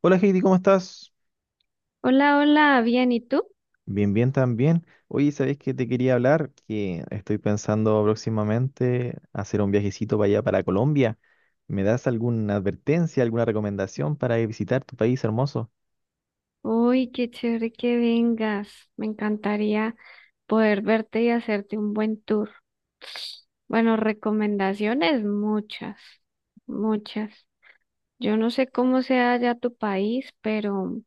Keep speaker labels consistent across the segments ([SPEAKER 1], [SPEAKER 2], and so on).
[SPEAKER 1] Hola Heidi, ¿cómo estás?
[SPEAKER 2] Hola, hola, bien, ¿y tú?
[SPEAKER 1] Bien, bien también. Oye, ¿sabés que te quería hablar? Que estoy pensando próximamente hacer un viajecito para allá, para Colombia. ¿Me das alguna advertencia, alguna recomendación para visitar tu país hermoso?
[SPEAKER 2] Uy, qué chévere que vengas. Me encantaría poder verte y hacerte un buen tour. Bueno, recomendaciones muchas, muchas. Yo no sé cómo sea ya tu país, pero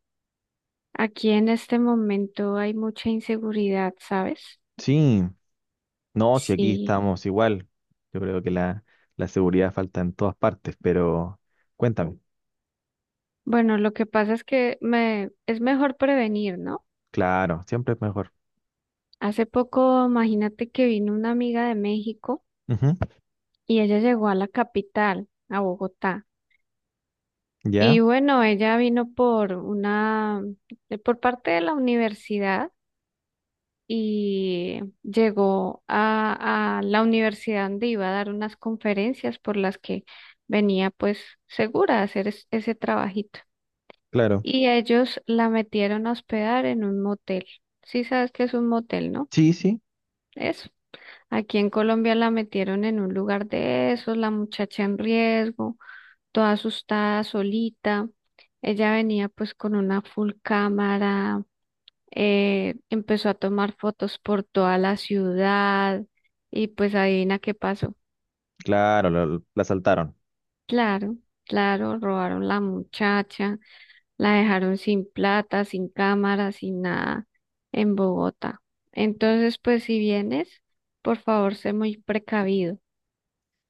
[SPEAKER 2] aquí en este momento hay mucha inseguridad, ¿sabes?
[SPEAKER 1] Sí, no, si aquí
[SPEAKER 2] Sí.
[SPEAKER 1] estamos igual. Yo creo que la seguridad falta en todas partes, pero cuéntame.
[SPEAKER 2] Bueno, lo que pasa es que me es mejor prevenir, ¿no?
[SPEAKER 1] Claro, siempre es mejor.
[SPEAKER 2] Hace poco, imagínate que vino una amiga de México.
[SPEAKER 1] Ujú.
[SPEAKER 2] Y ella llegó a la capital, a Bogotá.
[SPEAKER 1] ¿Ya?
[SPEAKER 2] Y bueno, ella vino por una, por parte de la universidad y llegó a la universidad donde iba a dar unas conferencias por las que venía pues segura a hacer ese trabajito.
[SPEAKER 1] Claro.
[SPEAKER 2] Y ellos la metieron a hospedar en un motel. Sí sabes que es un motel, ¿no?
[SPEAKER 1] Sí, sí,
[SPEAKER 2] Eso. Aquí en Colombia la metieron en un lugar de esos, la muchacha en riesgo, toda asustada, solita. Ella venía pues con una full cámara, empezó a tomar fotos por toda la ciudad y pues adivina qué pasó.
[SPEAKER 1] claro, la asaltaron.
[SPEAKER 2] Claro, claro, robaron la muchacha, la dejaron sin plata, sin cámara, sin nada en Bogotá. Entonces, pues si vienes, por favor, sé muy precavido.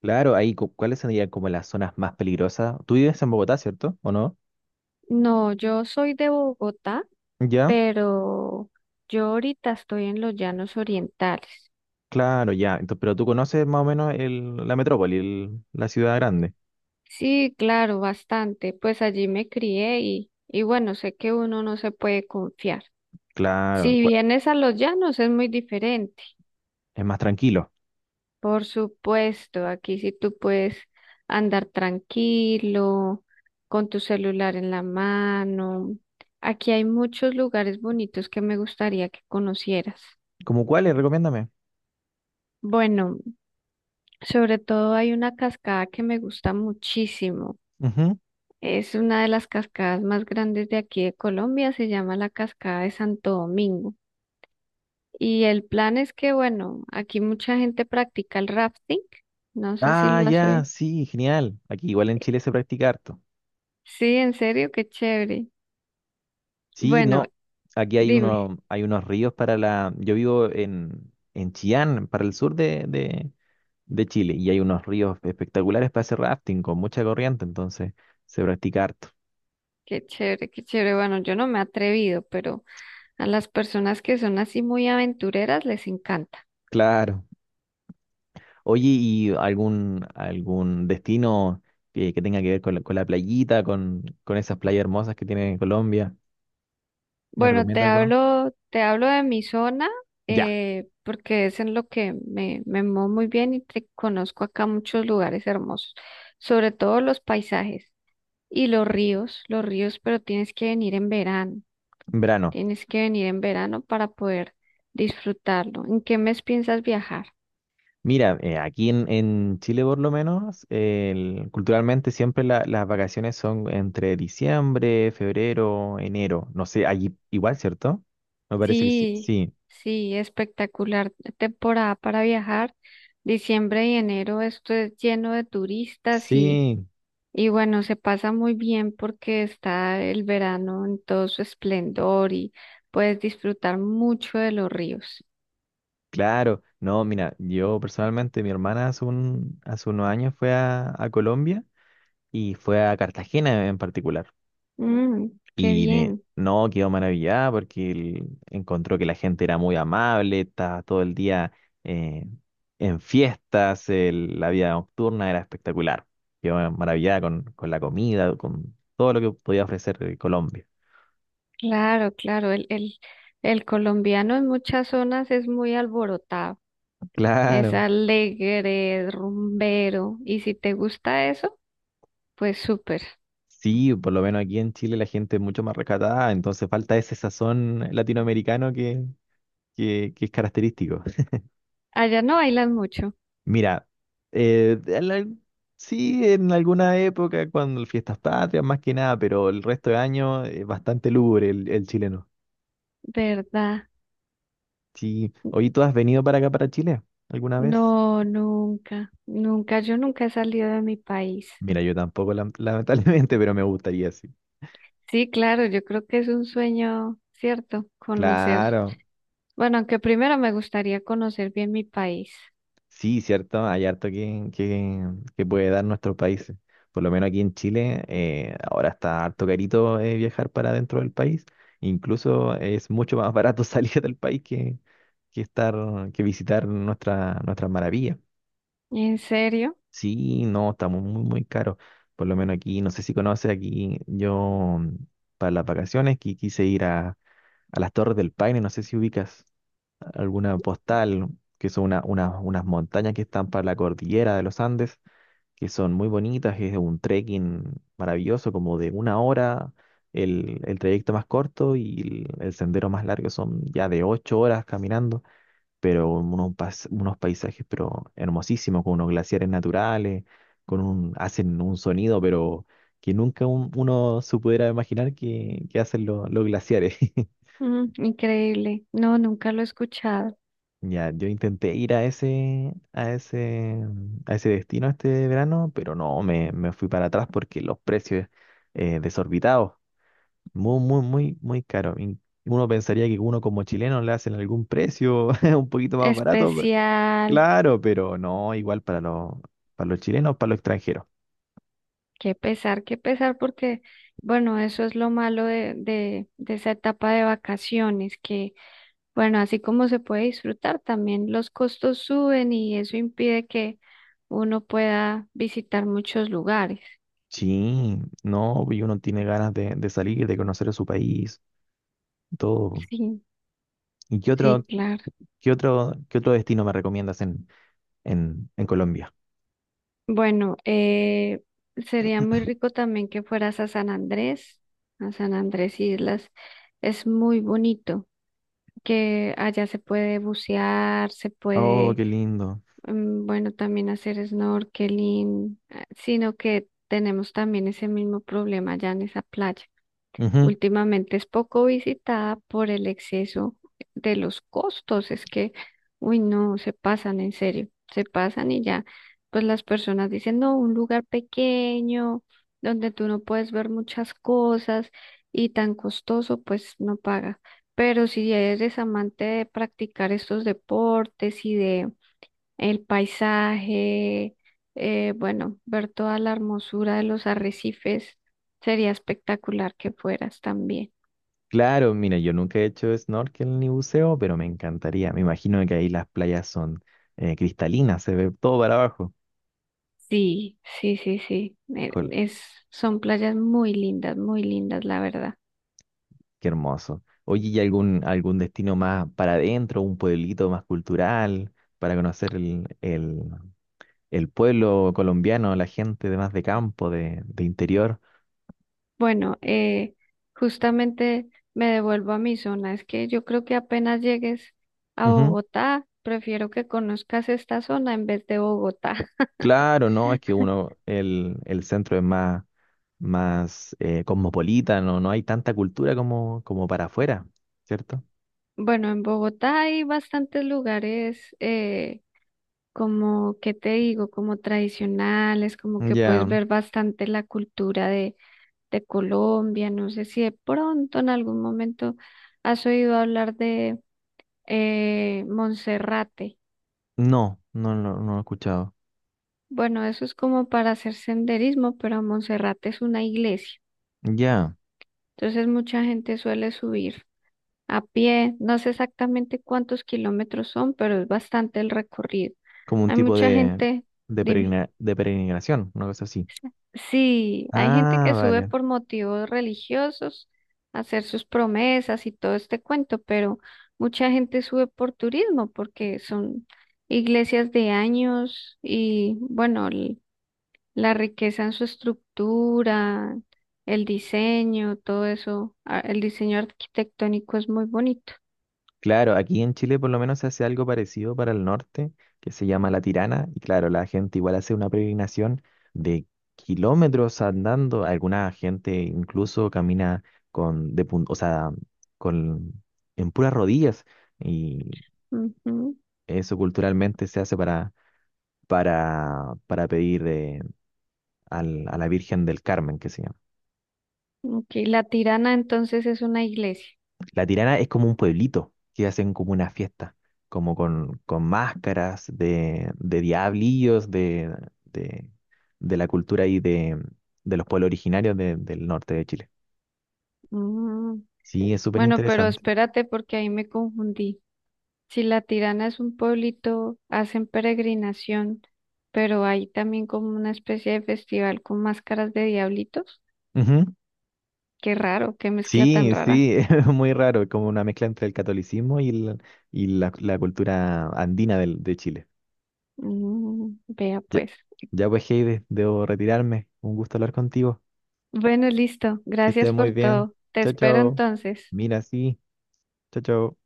[SPEAKER 1] Claro, ahí, ¿cuáles serían como las zonas más peligrosas? Tú vives en Bogotá, ¿cierto? ¿O no?
[SPEAKER 2] No, yo soy de Bogotá,
[SPEAKER 1] Ya,
[SPEAKER 2] pero yo ahorita estoy en los Llanos Orientales.
[SPEAKER 1] claro, ya. Entonces, pero tú conoces más o menos la metrópoli, la ciudad grande.
[SPEAKER 2] Sí, claro, bastante. Pues allí me crié y bueno, sé que uno no se puede confiar.
[SPEAKER 1] Claro,
[SPEAKER 2] Si vienes a los Llanos es muy diferente.
[SPEAKER 1] es más tranquilo.
[SPEAKER 2] Por supuesto, aquí sí tú puedes andar tranquilo, con tu celular en la mano. Aquí hay muchos lugares bonitos que me gustaría que conocieras.
[SPEAKER 1] ¿Cómo cuáles? Recomiéndame.
[SPEAKER 2] Bueno. Sobre todo hay una cascada que me gusta muchísimo.
[SPEAKER 1] Ujú.
[SPEAKER 2] Es una de las cascadas más grandes de aquí de Colombia, se llama la Cascada de Santo Domingo. Y el plan es que, bueno, aquí mucha gente practica el rafting. No sé si
[SPEAKER 1] Ah,
[SPEAKER 2] lo has
[SPEAKER 1] ya,
[SPEAKER 2] oído.
[SPEAKER 1] sí, genial. Aquí igual en Chile se practica harto.
[SPEAKER 2] Sí, en serio, qué chévere.
[SPEAKER 1] Sí,
[SPEAKER 2] Bueno,
[SPEAKER 1] no. Aquí hay
[SPEAKER 2] dime,
[SPEAKER 1] uno, hay unos ríos para la. Yo vivo en Chillán, para el sur de Chile, y hay unos ríos espectaculares para hacer rafting con mucha corriente, entonces se practica harto.
[SPEAKER 2] qué chévere, qué chévere. Bueno, yo no me he atrevido, pero a las personas que son así muy aventureras les encanta.
[SPEAKER 1] Claro. Oye, ¿y algún, algún destino que tenga que ver con con la playita, con esas playas hermosas que tiene Colombia? ¿Me
[SPEAKER 2] Bueno,
[SPEAKER 1] recomienda alguno?
[SPEAKER 2] te hablo de mi zona,
[SPEAKER 1] Ya,
[SPEAKER 2] porque es en lo que me muevo muy bien y te conozco acá muchos lugares hermosos, sobre todo los paisajes y los ríos, pero tienes que venir en verano,
[SPEAKER 1] en verano.
[SPEAKER 2] tienes que venir en verano para poder disfrutarlo. ¿En qué mes piensas viajar?
[SPEAKER 1] Mira, aquí en Chile por lo menos, el- culturalmente siempre la- las vacaciones son entre diciembre, febrero, enero. No sé, allí igual, ¿cierto? Me parece que sí.
[SPEAKER 2] Sí,
[SPEAKER 1] Sí,
[SPEAKER 2] sí, espectacular temporada para viajar. Diciembre y enero, esto es lleno de turistas. y
[SPEAKER 1] sí,
[SPEAKER 2] Y bueno, se pasa muy bien porque está el verano en todo su esplendor y puedes disfrutar mucho de los ríos.
[SPEAKER 1] claro. No, mira, yo personalmente, mi hermana hace, un, hace unos años fue a Colombia. Y fue a Cartagena en particular.
[SPEAKER 2] Mm, qué
[SPEAKER 1] Y
[SPEAKER 2] bien.
[SPEAKER 1] no, quedó maravillada porque él encontró que la gente era muy amable, estaba todo el día eh, en fiestas, la vida nocturna era espectacular. Quedó maravillada con la comida, con todo lo que podía ofrecer Colombia.
[SPEAKER 2] Claro, claro. El colombiano en muchas zonas es muy alborotado, es
[SPEAKER 1] Claro.
[SPEAKER 2] alegre, es rumbero. Y si te gusta eso, pues súper.
[SPEAKER 1] Sí, por lo menos aquí en Chile la gente es mucho más rescatada, entonces falta ese sazón latinoamericano que es característico.
[SPEAKER 2] Allá no bailan mucho,
[SPEAKER 1] Mira, en la- sí, en alguna época, cuando el Fiestas Patrias, más que nada, pero el resto de año es bastante lúgubre el chileno.
[SPEAKER 2] ¿verdad?
[SPEAKER 1] Sí. Oye, ¿tú has venido para acá, para Chile, alguna vez?
[SPEAKER 2] No, nunca, nunca. Yo nunca he salido de mi país.
[SPEAKER 1] Mira, yo tampoco, lamentablemente, pero me gustaría, sí.
[SPEAKER 2] Sí, claro, yo creo que es un sueño, ¿cierto? Conocer.
[SPEAKER 1] Claro.
[SPEAKER 2] Bueno, aunque primero me gustaría conocer bien mi país.
[SPEAKER 1] Sí, cierto, hay harto que puede dar nuestros países. Por lo menos aquí en Chile, ahora está harto carito viajar para dentro del país. Incluso es mucho más barato salir del país que estar, que visitar nuestras maravillas.
[SPEAKER 2] ¿En serio?
[SPEAKER 1] Sí, no, estamos muy, muy caros. Por lo menos aquí, no sé si conoces aquí, yo para las vacaciones quise ir a las Torres del Paine, no sé si ubicas alguna postal, que son una- unas montañas que están para la cordillera de los Andes, que son muy bonitas, es un trekking maravilloso, como de una hora, el trayecto más corto y el sendero más largo son ya de 8 horas caminando, pero unos, unos paisajes pero hermosísimos, con unos glaciares naturales, con un, hacen un sonido, pero que nunca uno se pudiera imaginar que hacen los glaciares.
[SPEAKER 2] Mm, increíble. No, nunca lo he escuchado.
[SPEAKER 1] Ya, yo intenté ir a ese, a ese, a ese destino este verano, pero no, me fui para atrás porque los precios desorbitados, muy, muy, muy, muy caros. Y uno pensaría que uno como chileno le hacen algún precio un poquito más barato, pe-
[SPEAKER 2] Especial.
[SPEAKER 1] claro, pero no, igual para los chilenos, para los extranjeros.
[SPEAKER 2] Qué pesar, porque, bueno, eso es lo malo de esa etapa de vacaciones, que, bueno, así como se puede disfrutar, también los costos suben y eso impide que uno pueda visitar muchos lugares.
[SPEAKER 1] Sí, no, y uno tiene ganas de salir, de conocer su país, todo.
[SPEAKER 2] Sí,
[SPEAKER 1] ¿Y qué
[SPEAKER 2] sí,
[SPEAKER 1] otro,
[SPEAKER 2] claro.
[SPEAKER 1] qué otro, qué otro destino me recomiendas en Colombia?
[SPEAKER 2] Bueno, sería muy rico también que fueras a San Andrés Islas. Es muy bonito, que allá se puede bucear, se
[SPEAKER 1] Oh,
[SPEAKER 2] puede,
[SPEAKER 1] qué lindo.
[SPEAKER 2] mm, bueno, también hacer snorkeling, sino que tenemos también ese mismo problema allá en esa playa.
[SPEAKER 1] Ujú.
[SPEAKER 2] Últimamente es poco visitada por el exceso de los costos. Es que, uy, no, se pasan en serio, se pasan y ya, pues las personas dicen, no, un lugar pequeño donde tú no puedes ver muchas cosas y tan costoso, pues no paga. Pero si eres amante de practicar estos deportes y de el paisaje, bueno, ver toda la hermosura de los arrecifes, sería espectacular que fueras también.
[SPEAKER 1] Claro, mira, yo nunca he hecho snorkel ni buceo, pero me encantaría. Me imagino que ahí las playas son cristalinas, se ve todo para abajo.
[SPEAKER 2] Sí, sí, sí, sí,
[SPEAKER 1] Jol,
[SPEAKER 2] es, son playas muy lindas, la verdad.
[SPEAKER 1] qué hermoso. Oye, ¿y algún, algún destino más para adentro, un pueblito más cultural, para conocer el pueblo colombiano, la gente de más de campo, de interior?
[SPEAKER 2] Bueno, justamente me devuelvo a mi zona, es que yo creo que apenas llegues a Bogotá, prefiero que conozcas esta zona en vez de Bogotá.
[SPEAKER 1] Claro, no, es que uno, el centro es más, más cosmopolita, no, no hay tanta cultura como, como para afuera, ¿cierto?
[SPEAKER 2] Bueno, en Bogotá hay bastantes lugares, como, ¿qué te digo? Como tradicionales, como que puedes
[SPEAKER 1] Ya,
[SPEAKER 2] ver bastante la cultura de Colombia. No sé si de pronto en algún momento has oído hablar de Monserrate.
[SPEAKER 1] no, no, no, no lo he escuchado.
[SPEAKER 2] Bueno, eso es como para hacer senderismo, pero Monserrate es una iglesia.
[SPEAKER 1] Ya,
[SPEAKER 2] Entonces mucha gente suele subir a pie. No sé exactamente cuántos kilómetros son, pero es bastante el recorrido.
[SPEAKER 1] como un
[SPEAKER 2] Hay
[SPEAKER 1] tipo
[SPEAKER 2] mucha gente,
[SPEAKER 1] de,
[SPEAKER 2] dime.
[SPEAKER 1] peregrina- de peregrinación, una cosa así.
[SPEAKER 2] Sí, hay gente
[SPEAKER 1] Ah,
[SPEAKER 2] que sube
[SPEAKER 1] vale.
[SPEAKER 2] por motivos religiosos, hacer sus promesas y todo este cuento, pero mucha gente sube por turismo porque son iglesias de años y bueno, la riqueza en su estructura, el diseño, todo eso, el diseño arquitectónico es muy bonito.
[SPEAKER 1] Claro, aquí en Chile por lo menos se hace algo parecido para el norte, que se llama La Tirana, y claro, la gente igual hace una peregrinación de kilómetros andando, alguna gente incluso camina con, de, pun- o sea, con, en puras rodillas, y
[SPEAKER 2] Ujú.
[SPEAKER 1] eso culturalmente se hace para pedir al- a la Virgen del Carmen, que se llama.
[SPEAKER 2] Ok, La Tirana entonces es una iglesia.
[SPEAKER 1] La Tirana es como un pueblito que hacen como una fiesta, como con máscaras de diablillos de, de la cultura y de los pueblos originarios del norte de Chile.
[SPEAKER 2] Mm.
[SPEAKER 1] Sí, es súper
[SPEAKER 2] Bueno, pero
[SPEAKER 1] interesante.
[SPEAKER 2] espérate porque ahí me confundí. Si La Tirana es un pueblito, hacen peregrinación, pero hay también como una especie de festival con máscaras de diablitos.
[SPEAKER 1] Ujú.
[SPEAKER 2] Qué raro, qué mezcla tan
[SPEAKER 1] Sí,
[SPEAKER 2] rara.
[SPEAKER 1] sí, es muy raro, es como una mezcla entre el catolicismo y, el- y la cultura andina de Chile.
[SPEAKER 2] Mm, vea
[SPEAKER 1] Ya,
[SPEAKER 2] pues.
[SPEAKER 1] ya pues, Heide, debo retirarme. Un gusto hablar contigo.
[SPEAKER 2] Bueno, listo.
[SPEAKER 1] Que estés
[SPEAKER 2] Gracias
[SPEAKER 1] muy
[SPEAKER 2] por
[SPEAKER 1] bien.
[SPEAKER 2] todo. Te
[SPEAKER 1] Chao,
[SPEAKER 2] espero
[SPEAKER 1] chao.
[SPEAKER 2] entonces.
[SPEAKER 1] Mira, sí. Chao, chao.